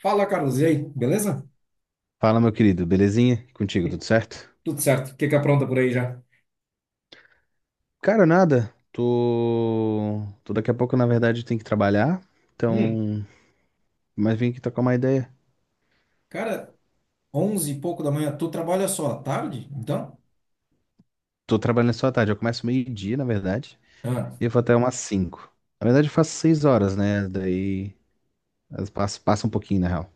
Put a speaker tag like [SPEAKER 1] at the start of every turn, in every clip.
[SPEAKER 1] Fala, Carlos, e aí, beleza?
[SPEAKER 2] Fala, meu querido, belezinha? E contigo,
[SPEAKER 1] E-
[SPEAKER 2] tudo certo?
[SPEAKER 1] Tudo certo, o que que apronta por aí já?
[SPEAKER 2] Cara, nada. Tô daqui a pouco, na verdade, tenho que trabalhar.
[SPEAKER 1] Hum.
[SPEAKER 2] Então, mas vim aqui tocar uma ideia.
[SPEAKER 1] Cara, 11 e pouco da manhã, tu trabalha só à tarde, então?
[SPEAKER 2] Tô trabalhando só à tarde. Eu começo meio-dia, na verdade,
[SPEAKER 1] Ah,
[SPEAKER 2] e eu vou até umas 5. Na verdade, eu faço 6 horas, né? Daí passa um pouquinho, na real.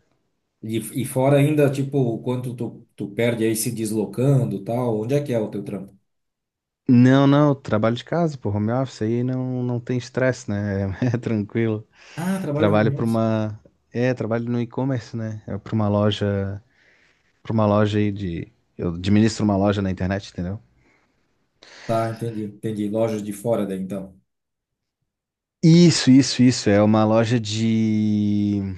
[SPEAKER 1] e, e fora ainda, tipo, o quanto tu perde aí se deslocando, tal, onde é que é o teu trampo?
[SPEAKER 2] Não, não, trabalho de casa, pô, home office aí não, não tem estresse, né? É tranquilo.
[SPEAKER 1] Ah, trabalha
[SPEAKER 2] Trabalho
[SPEAKER 1] home
[SPEAKER 2] para
[SPEAKER 1] office.
[SPEAKER 2] uma. É, trabalho no e-commerce, né? É para uma loja. Pra uma loja aí de. Eu administro uma loja na internet, entendeu?
[SPEAKER 1] Tá, entendi, entendi, lojas de fora daí, então.
[SPEAKER 2] Isso, isso, isso. É uma loja de.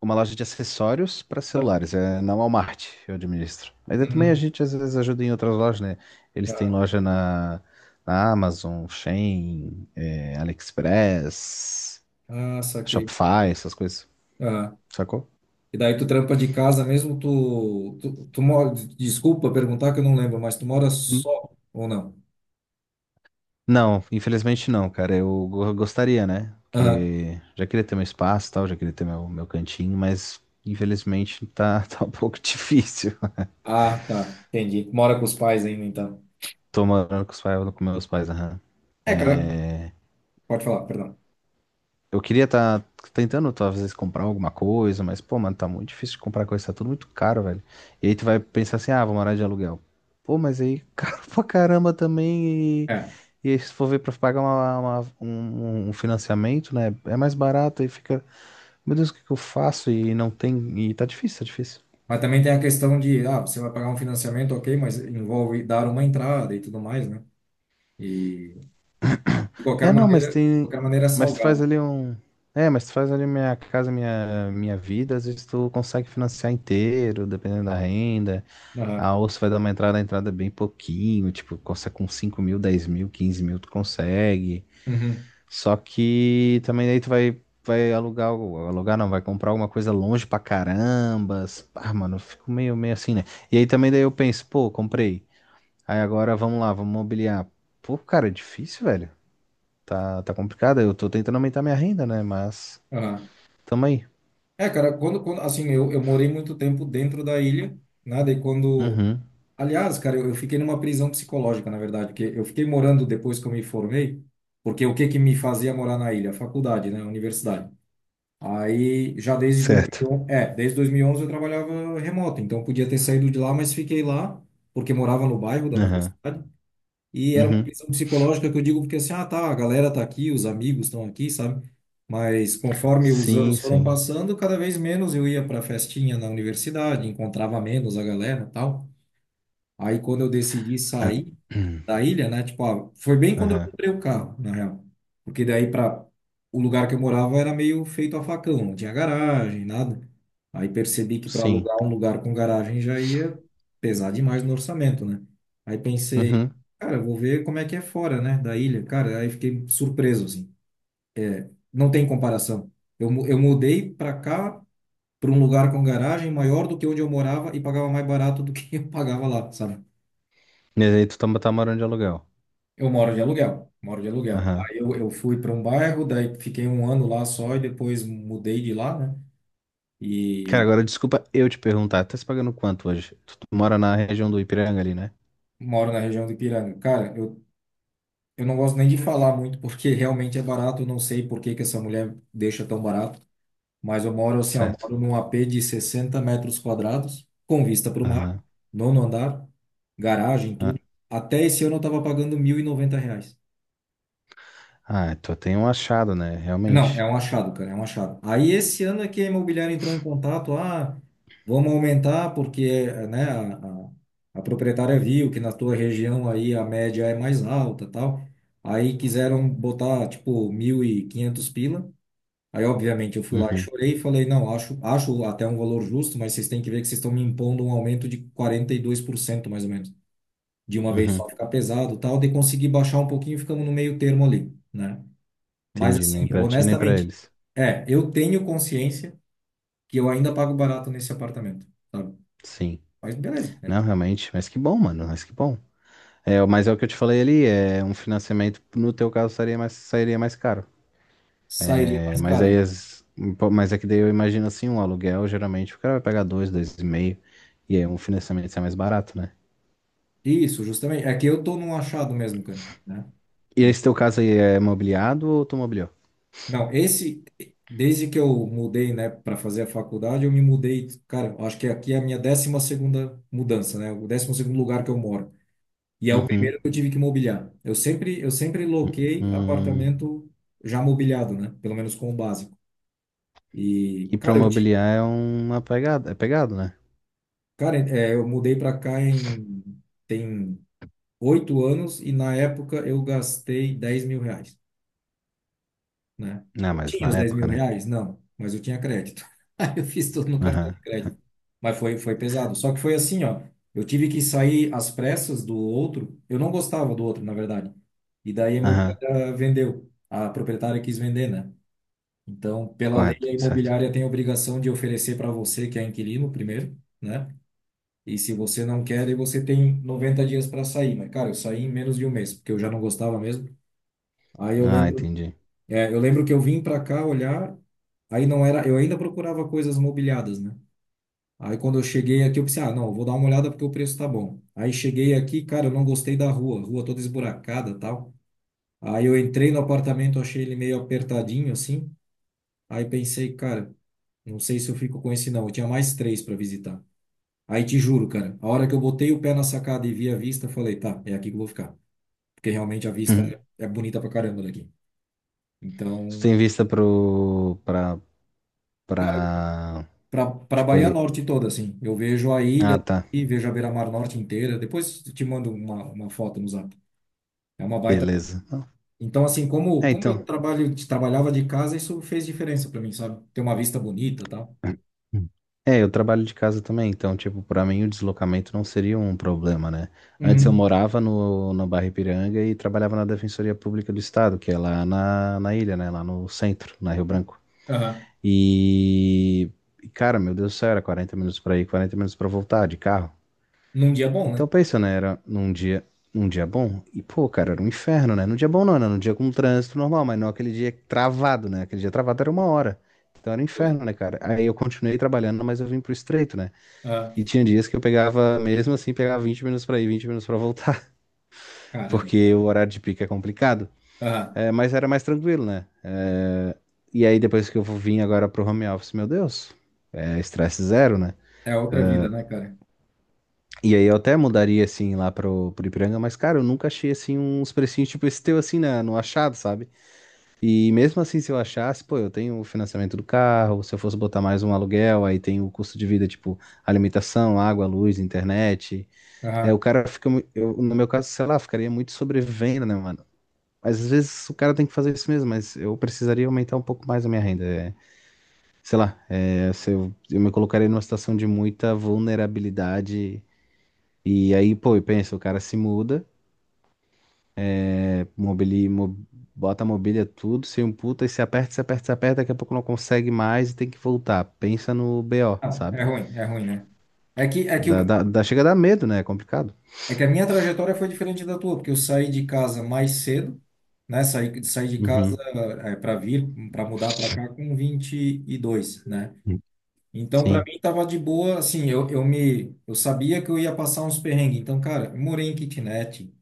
[SPEAKER 2] Uma loja de acessórios para celulares. É na Walmart, eu administro. Mas aí também a
[SPEAKER 1] Uhum.
[SPEAKER 2] gente às vezes ajuda em outras lojas, né? Eles têm
[SPEAKER 1] Ah,
[SPEAKER 2] loja na Amazon, Shein, é, AliExpress,
[SPEAKER 1] ah, saquei.
[SPEAKER 2] Shopify, essas coisas.
[SPEAKER 1] Ah,
[SPEAKER 2] Sacou?
[SPEAKER 1] e daí tu trampa de casa mesmo, tu mora, desculpa perguntar que eu não lembro, mas tu mora só ou não?
[SPEAKER 2] Não, infelizmente não, cara. Eu gostaria, né? Porque já queria ter meu espaço e tal, já queria ter meu cantinho, mas infelizmente tá, tá um pouco difícil.
[SPEAKER 1] Ah, tá. Entendi. Mora com os pais ainda, então.
[SPEAKER 2] Tô morando com os pais, com meus pais, aham.
[SPEAKER 1] É, cara,
[SPEAKER 2] É,
[SPEAKER 1] pode falar, perdão.
[SPEAKER 2] eu queria estar tentando, talvez, comprar alguma coisa, mas, pô, mano, tá muito difícil de comprar coisa, tá tudo muito caro, velho. E aí tu vai pensar assim, ah, vou morar de aluguel. Pô, mas aí, caro pra caramba também. E,
[SPEAKER 1] É.
[SPEAKER 2] e aí, se for ver pra pagar um financiamento, né? É mais barato e fica. Meu Deus, o que que eu faço? E não tem. E tá difícil, tá difícil.
[SPEAKER 1] Mas também tem a questão de, ah, você vai pagar um financiamento, ok, mas envolve dar uma entrada e tudo mais, né? E
[SPEAKER 2] É, não, mas
[SPEAKER 1] de
[SPEAKER 2] tem.
[SPEAKER 1] qualquer maneira é
[SPEAKER 2] Mas tu faz
[SPEAKER 1] salgado.
[SPEAKER 2] ali um. É, mas tu faz ali minha casa, minha vida, às vezes tu consegue financiar inteiro, dependendo da renda.
[SPEAKER 1] Aham.
[SPEAKER 2] A ouça vai dar uma entrada, a entrada é bem pouquinho, tipo, consegue com 5.000, 10.000, 15.000, tu consegue.
[SPEAKER 1] Uhum.
[SPEAKER 2] Só que também aí tu vai alugar, alugar não, vai comprar alguma coisa longe pra carambas. Ah, mano, eu fico meio assim, né? E aí também daí eu penso, pô, comprei. Aí agora vamos lá, vamos mobiliar. Pô, cara, é difícil, velho. Tá complicado. Eu tô tentando aumentar minha renda, né? Mas
[SPEAKER 1] Aham.
[SPEAKER 2] tamo aí.
[SPEAKER 1] É, cara, quando, assim, eu morei muito tempo dentro da ilha, né? Daí quando.
[SPEAKER 2] Uhum.
[SPEAKER 1] Aliás, cara, eu fiquei numa prisão psicológica, na verdade, porque eu fiquei morando depois que eu me formei, porque o que que me fazia morar na ilha? A faculdade, né? A universidade. Aí, já desde
[SPEAKER 2] Certo.
[SPEAKER 1] 2011, é, desde 2011 eu trabalhava remoto, então eu podia ter saído de lá, mas fiquei lá, porque morava no bairro da
[SPEAKER 2] Aham.
[SPEAKER 1] universidade, e era uma
[SPEAKER 2] Uhum.
[SPEAKER 1] prisão psicológica que eu digo porque assim, ah, tá, a galera tá aqui, os amigos estão aqui, sabe? Mas conforme os
[SPEAKER 2] Sim,
[SPEAKER 1] anos foram
[SPEAKER 2] sim.
[SPEAKER 1] passando, cada vez menos eu ia para festinha na universidade, encontrava menos a galera, e tal. Aí quando eu decidi
[SPEAKER 2] Ah,
[SPEAKER 1] sair da ilha, né? Tipo, ah, foi bem quando eu
[SPEAKER 2] Aham.
[SPEAKER 1] comprei o carro, na real. Porque daí para o lugar que eu morava era meio feito a facão, não tinha garagem, nada. Aí percebi que para
[SPEAKER 2] Sim.
[SPEAKER 1] alugar um lugar com garagem já ia pesar demais no orçamento, né? Aí pensei,
[SPEAKER 2] Uhum.
[SPEAKER 1] cara, eu vou ver como é que é fora, né, da ilha. Cara, aí fiquei surpreso assim. Não tem comparação. Eu mudei para cá, para um lugar com garagem maior do que onde eu morava e pagava mais barato do que eu pagava lá, sabe?
[SPEAKER 2] E aí tu tá morando de aluguel.
[SPEAKER 1] Eu moro de aluguel, moro de aluguel.
[SPEAKER 2] Aham.
[SPEAKER 1] Aí eu fui para um bairro, daí fiquei um ano lá só e depois mudei de lá, né?
[SPEAKER 2] Cara,
[SPEAKER 1] E
[SPEAKER 2] agora desculpa eu te perguntar. Tá se pagando quanto hoje? Tu mora na região do Ipiranga ali, né?
[SPEAKER 1] moro na região do Ipiranga. Cara, eu não gosto nem de falar muito porque realmente é barato, eu não sei por que que essa mulher deixa tão barato, mas eu moro assim, ó,
[SPEAKER 2] Certo.
[SPEAKER 1] moro num AP de 60 metros quadrados, com vista para o mar,
[SPEAKER 2] Aham.
[SPEAKER 1] nono andar, garagem,
[SPEAKER 2] Ah,
[SPEAKER 1] tudo. Até esse ano eu estava pagando R$ 1.090.
[SPEAKER 2] ah, tu tem um achado, né?
[SPEAKER 1] Não, é
[SPEAKER 2] Realmente.
[SPEAKER 1] um achado, cara, é um achado. Aí esse ano é que a imobiliária entrou em contato, ah, vamos aumentar porque, né, a, a proprietária viu que na tua região aí a média é mais alta, tal. Aí quiseram botar, tipo, R$ 1.500. Aí, obviamente, eu fui lá e
[SPEAKER 2] Uhum.
[SPEAKER 1] chorei e falei, não, acho até um valor justo, mas vocês têm que ver que vocês estão me impondo um aumento de 42% mais ou menos, de uma vez
[SPEAKER 2] Uhum.
[SPEAKER 1] só, ficar pesado, tal. De conseguir baixar um pouquinho, ficamos no meio termo ali, né? Mas
[SPEAKER 2] Entendi.
[SPEAKER 1] assim,
[SPEAKER 2] Nem pra ti, nem pra
[SPEAKER 1] honestamente,
[SPEAKER 2] eles.
[SPEAKER 1] é, eu tenho consciência que eu ainda pago barato nesse apartamento, sabe?
[SPEAKER 2] Sim.
[SPEAKER 1] Mas beleza, né?
[SPEAKER 2] Não, realmente. Mas que bom, mano. Mas que bom. É, mas é o que eu te falei ali, é um financiamento, no teu caso, sairia mais caro.
[SPEAKER 1] Sairia
[SPEAKER 2] É,
[SPEAKER 1] mais
[SPEAKER 2] mas
[SPEAKER 1] caro,
[SPEAKER 2] aí,
[SPEAKER 1] né?
[SPEAKER 2] pô, mas é que daí eu imagino assim, um aluguel, geralmente o cara vai pagar dois, dois e meio, e aí um financiamento sai mais barato, né?
[SPEAKER 1] Isso, justamente. É que eu tô num achado mesmo, cara, né?
[SPEAKER 2] E esse teu caso aí é mobiliado ou tu mobiliou?
[SPEAKER 1] Não, esse, desde que eu mudei, né, para fazer a faculdade, eu me mudei, cara, acho que aqui é a minha 12ª mudança, né? O 12º lugar que eu moro. E é o
[SPEAKER 2] Uhum.
[SPEAKER 1] primeiro que eu tive que mobiliar. Eu sempre loquei
[SPEAKER 2] Hum.
[SPEAKER 1] apartamento já mobiliado, né? Pelo menos com o básico. E,
[SPEAKER 2] E pra
[SPEAKER 1] cara,
[SPEAKER 2] mobiliar é uma pegada, é pegado, né?
[SPEAKER 1] cara, é, eu mudei pra cá em tem 8 anos e na época eu gastei R$ 10.000, né?
[SPEAKER 2] Não,
[SPEAKER 1] Eu
[SPEAKER 2] mas
[SPEAKER 1] tinha os
[SPEAKER 2] na
[SPEAKER 1] dez
[SPEAKER 2] época,
[SPEAKER 1] mil
[SPEAKER 2] né?
[SPEAKER 1] reais? Não, mas eu tinha crédito. Aí eu fiz tudo no cartão
[SPEAKER 2] Aham,
[SPEAKER 1] de crédito. Mas foi pesado. Só que foi assim, ó. Eu tive que sair às pressas do outro. Eu não gostava do outro, na verdade. E daí a
[SPEAKER 2] aham,
[SPEAKER 1] imobiliária vendeu. A proprietária quis vender, né? Então, pela lei,
[SPEAKER 2] correto,
[SPEAKER 1] a
[SPEAKER 2] certo.
[SPEAKER 1] imobiliária tem a obrigação de oferecer para você, que é inquilino, primeiro, né? E se você não quer, aí você tem 90 dias para sair. Mas, cara, eu saí em menos de um mês, porque eu já não gostava mesmo. Aí eu
[SPEAKER 2] Ah,
[SPEAKER 1] lembro,
[SPEAKER 2] entendi.
[SPEAKER 1] é, eu lembro que eu vim para cá olhar, aí não era, eu ainda procurava coisas mobiliadas, né? Aí quando eu cheguei aqui, eu pensei, ah, não, eu vou dar uma olhada porque o preço tá bom. Aí cheguei aqui, cara, eu não gostei da rua, rua toda esburacada, tal. Aí eu entrei no apartamento, achei ele meio apertadinho assim. Aí pensei, cara, não sei se eu fico com esse não. Eu tinha mais três para visitar. Aí te juro, cara, a hora que eu botei o pé na sacada e vi a vista, falei, tá, é aqui que eu vou ficar. Porque realmente a vista é bonita pra caramba daqui.
[SPEAKER 2] Tu
[SPEAKER 1] Então,
[SPEAKER 2] tem vista pro, pra,
[SPEAKER 1] cara,
[SPEAKER 2] pra.
[SPEAKER 1] pra
[SPEAKER 2] Tipo
[SPEAKER 1] Bahia
[SPEAKER 2] ali.
[SPEAKER 1] Norte toda, assim, eu vejo a ilha
[SPEAKER 2] Ah, tá.
[SPEAKER 1] e vejo a Beira-Mar Norte inteira. Depois te mando uma foto no Zap. É uma baita.
[SPEAKER 2] Beleza. Não.
[SPEAKER 1] Então, assim, como,
[SPEAKER 2] É,
[SPEAKER 1] como eu
[SPEAKER 2] então.
[SPEAKER 1] trabalho, trabalhava de casa, isso fez diferença pra mim, sabe? Ter uma vista bonita e tal.
[SPEAKER 2] Hum. É, eu trabalho de casa também, então, tipo, pra mim o deslocamento não seria um problema, né? Antes eu
[SPEAKER 1] Uhum.
[SPEAKER 2] morava no, na Barra Ipiranga e trabalhava na Defensoria Pública do Estado, que é lá na ilha, né? Lá no centro, na Rio Branco.
[SPEAKER 1] Aham.
[SPEAKER 2] E. Cara, meu Deus do céu, era 40 minutos pra ir, 40 minutos pra voltar de carro.
[SPEAKER 1] Num dia bom, né?
[SPEAKER 2] Então, pensa, né? Era num dia bom. E, pô, cara, era um inferno, né? Num dia bom não, era num dia com trânsito normal, mas não aquele dia travado, né? Aquele dia travado era 1 hora. Então era um
[SPEAKER 1] Justo.
[SPEAKER 2] inferno, né, cara? Aí eu continuei trabalhando, mas eu vim pro estreito, né?
[SPEAKER 1] Aham.
[SPEAKER 2] E tinha dias que eu pegava, mesmo assim, pegava 20 minutos pra ir, 20 minutos pra voltar,
[SPEAKER 1] Caramba.
[SPEAKER 2] porque o horário de pico é complicado.
[SPEAKER 1] Aham.
[SPEAKER 2] É, mas era mais tranquilo, né? É, e aí depois que eu vim agora pro home office, meu Deus, é estresse zero, né?
[SPEAKER 1] É outra vida, né, cara?
[SPEAKER 2] E aí eu até mudaria, assim, lá pro Ipiranga, mas, cara, eu nunca achei, assim, uns precinhos tipo esse teu, assim, no achado, sabe? E mesmo assim, se eu achasse, pô, eu tenho o financiamento do carro, se eu fosse botar mais um aluguel, aí tem o custo de vida, tipo, alimentação, água, luz, internet. É, o
[SPEAKER 1] Aham.
[SPEAKER 2] cara fica, eu, no meu caso, sei lá, ficaria muito sobrevivendo, né, mano? Mas às vezes o cara tem que fazer isso mesmo, mas eu precisaria aumentar um pouco mais a minha renda. É, sei lá, é, se eu me colocaria numa situação de muita vulnerabilidade e aí, pô, eu penso, o cara se muda, né, bota a mobília tudo, se um puta e se aperta, se aperta, se aperta, daqui a pouco não consegue mais e tem que voltar. Pensa no BO,
[SPEAKER 1] Não,
[SPEAKER 2] sabe?
[SPEAKER 1] é ruim, né? É que, é que, o-
[SPEAKER 2] Chega a dar medo, né? É complicado.
[SPEAKER 1] é que a minha trajetória foi diferente da tua, porque eu saí de casa mais cedo, né? Saí, saí de casa
[SPEAKER 2] Uhum.
[SPEAKER 1] é, para vir, para mudar para cá com 22, né? Então, para
[SPEAKER 2] Sim.
[SPEAKER 1] mim, tava de boa, assim, eu sabia que eu ia passar uns perrengues. Então, cara, eu morei em kitnet,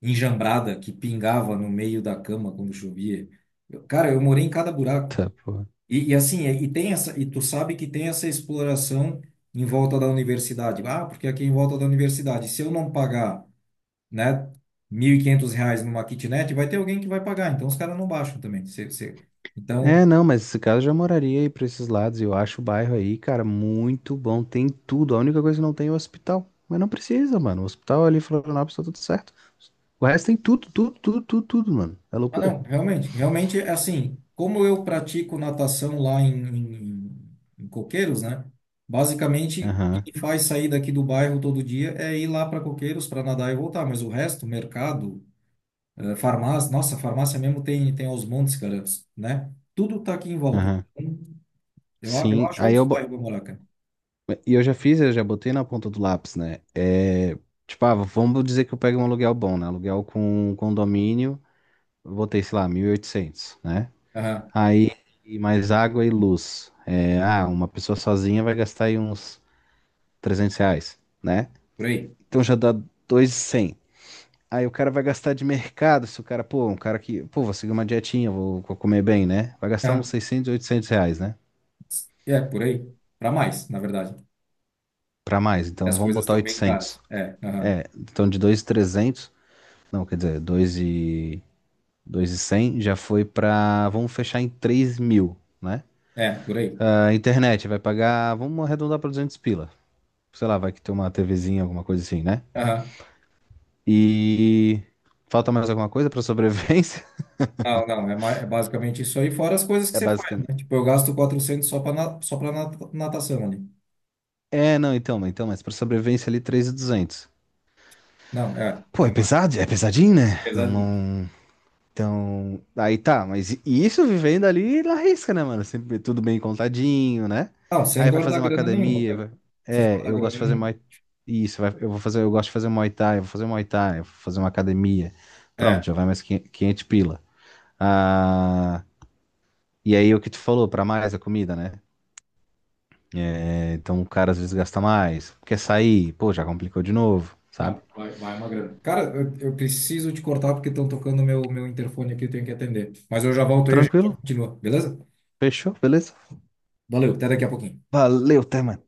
[SPEAKER 1] enjambrada, que pingava no meio da cama quando chovia. Cara, eu morei em cada buraco.
[SPEAKER 2] Tá, porra.
[SPEAKER 1] E assim, e tem essa, e tu sabe que tem essa exploração em volta da universidade. Ah, porque aqui em volta da universidade, se eu não pagar, né, R$ 1.500 numa kitnet, vai ter alguém que vai pagar. Então os caras não baixam também.
[SPEAKER 2] É,
[SPEAKER 1] Então,
[SPEAKER 2] não, mas esse cara eu já moraria aí pra esses lados. Eu acho o bairro aí, cara, muito bom. Tem tudo. A única coisa é que não tem é o hospital. Mas não precisa, mano. O hospital ali em Florianópolis tá tudo certo. O resto tem tudo, tudo, tudo, tudo, tudo, mano. É
[SPEAKER 1] ah,
[SPEAKER 2] loucura.
[SPEAKER 1] não, realmente, realmente é assim. Como eu pratico natação lá em Coqueiros, né? Basicamente, o
[SPEAKER 2] Aham,
[SPEAKER 1] que me faz sair daqui do bairro todo dia é ir lá para Coqueiros para nadar e voltar. Mas o resto, mercado. Eh, farmácia, nossa, farmácia mesmo tem aos montes, cara, né? Tudo tá aqui em volta.
[SPEAKER 2] aham.
[SPEAKER 1] Então, eu
[SPEAKER 2] Sim,
[SPEAKER 1] acho altos bairros pra morar, cara.
[SPEAKER 2] e eu já fiz, eu já botei na ponta do lápis, né? É, tipo, ah, vamos dizer que eu pego um aluguel bom, né? Aluguel com condomínio, eu botei, sei lá, 1.800, né?
[SPEAKER 1] Aham,
[SPEAKER 2] Aí, e mais água e luz. É, ah, uma pessoa sozinha vai gastar aí uns R$ 300, né?
[SPEAKER 1] por aí.
[SPEAKER 2] Então já dá dois e cem. Aí o cara vai gastar de mercado, se o cara, pô, um cara que, pô, vou seguir uma dietinha, vou comer bem, né? Vai gastar uns
[SPEAKER 1] Aham.
[SPEAKER 2] 600 800 reais, né?
[SPEAKER 1] É, por aí. Pra mais, na verdade.
[SPEAKER 2] Pra mais,
[SPEAKER 1] E
[SPEAKER 2] então
[SPEAKER 1] as
[SPEAKER 2] vamos
[SPEAKER 1] coisas
[SPEAKER 2] botar
[SPEAKER 1] estão bem caras.
[SPEAKER 2] 800.
[SPEAKER 1] É, aham.
[SPEAKER 2] É, então de 2.300. Não, quer dizer, 2 e 100 já foi pra. Vamos fechar em 3.000, né?
[SPEAKER 1] É, por aí.
[SPEAKER 2] Ah, internet vai pagar. Vamos arredondar pra 200 pila. Sei lá, vai que tem uma TVzinha, alguma coisa assim, né?
[SPEAKER 1] Aham.
[SPEAKER 2] E. Falta mais alguma coisa pra sobrevivência?
[SPEAKER 1] Não, não, é, é basicamente isso aí, fora as coisas que
[SPEAKER 2] É
[SPEAKER 1] você faz,
[SPEAKER 2] basicamente.
[SPEAKER 1] né? Tipo, eu gasto 400 só pra, só pra natação ali.
[SPEAKER 2] É, não, então, mas pra sobrevivência ali 3.200.
[SPEAKER 1] Não, é, é
[SPEAKER 2] Pô, é
[SPEAKER 1] uma
[SPEAKER 2] pesado? É pesadinho, né? Não,
[SPEAKER 1] pesadinha.
[SPEAKER 2] não. Então, aí tá, mas isso vivendo ali na risca, né, mano? Sempre tudo bem contadinho, né?
[SPEAKER 1] Não, sem
[SPEAKER 2] Aí vai fazer
[SPEAKER 1] guardar
[SPEAKER 2] uma
[SPEAKER 1] grana nenhuma,
[SPEAKER 2] academia,
[SPEAKER 1] cara.
[SPEAKER 2] vai...
[SPEAKER 1] Sem
[SPEAKER 2] É,
[SPEAKER 1] guardar
[SPEAKER 2] eu gosto de
[SPEAKER 1] grana
[SPEAKER 2] fazer
[SPEAKER 1] nenhuma.
[SPEAKER 2] Muay... Isso, eu vou fazer, eu gosto de fazer Muay Thai, eu vou fazer Muay Thai, eu vou fazer uma academia. Pronto,
[SPEAKER 1] É.
[SPEAKER 2] já vai mais 500 500 pila. Ah, e aí o que tu falou, pra mais a comida, né? É, então o cara às vezes gasta mais, quer sair, pô, já complicou de novo,
[SPEAKER 1] Não,
[SPEAKER 2] sabe?
[SPEAKER 1] vai, vai uma grana. Cara, eu preciso te cortar porque estão tocando meu interfone aqui, eu tenho que atender. Mas eu já volto aí, a gente já
[SPEAKER 2] Tranquilo?
[SPEAKER 1] continua, beleza?
[SPEAKER 2] Fechou? Beleza?
[SPEAKER 1] Valeu, até daqui a pouquinho.
[SPEAKER 2] Valeu, até, mano.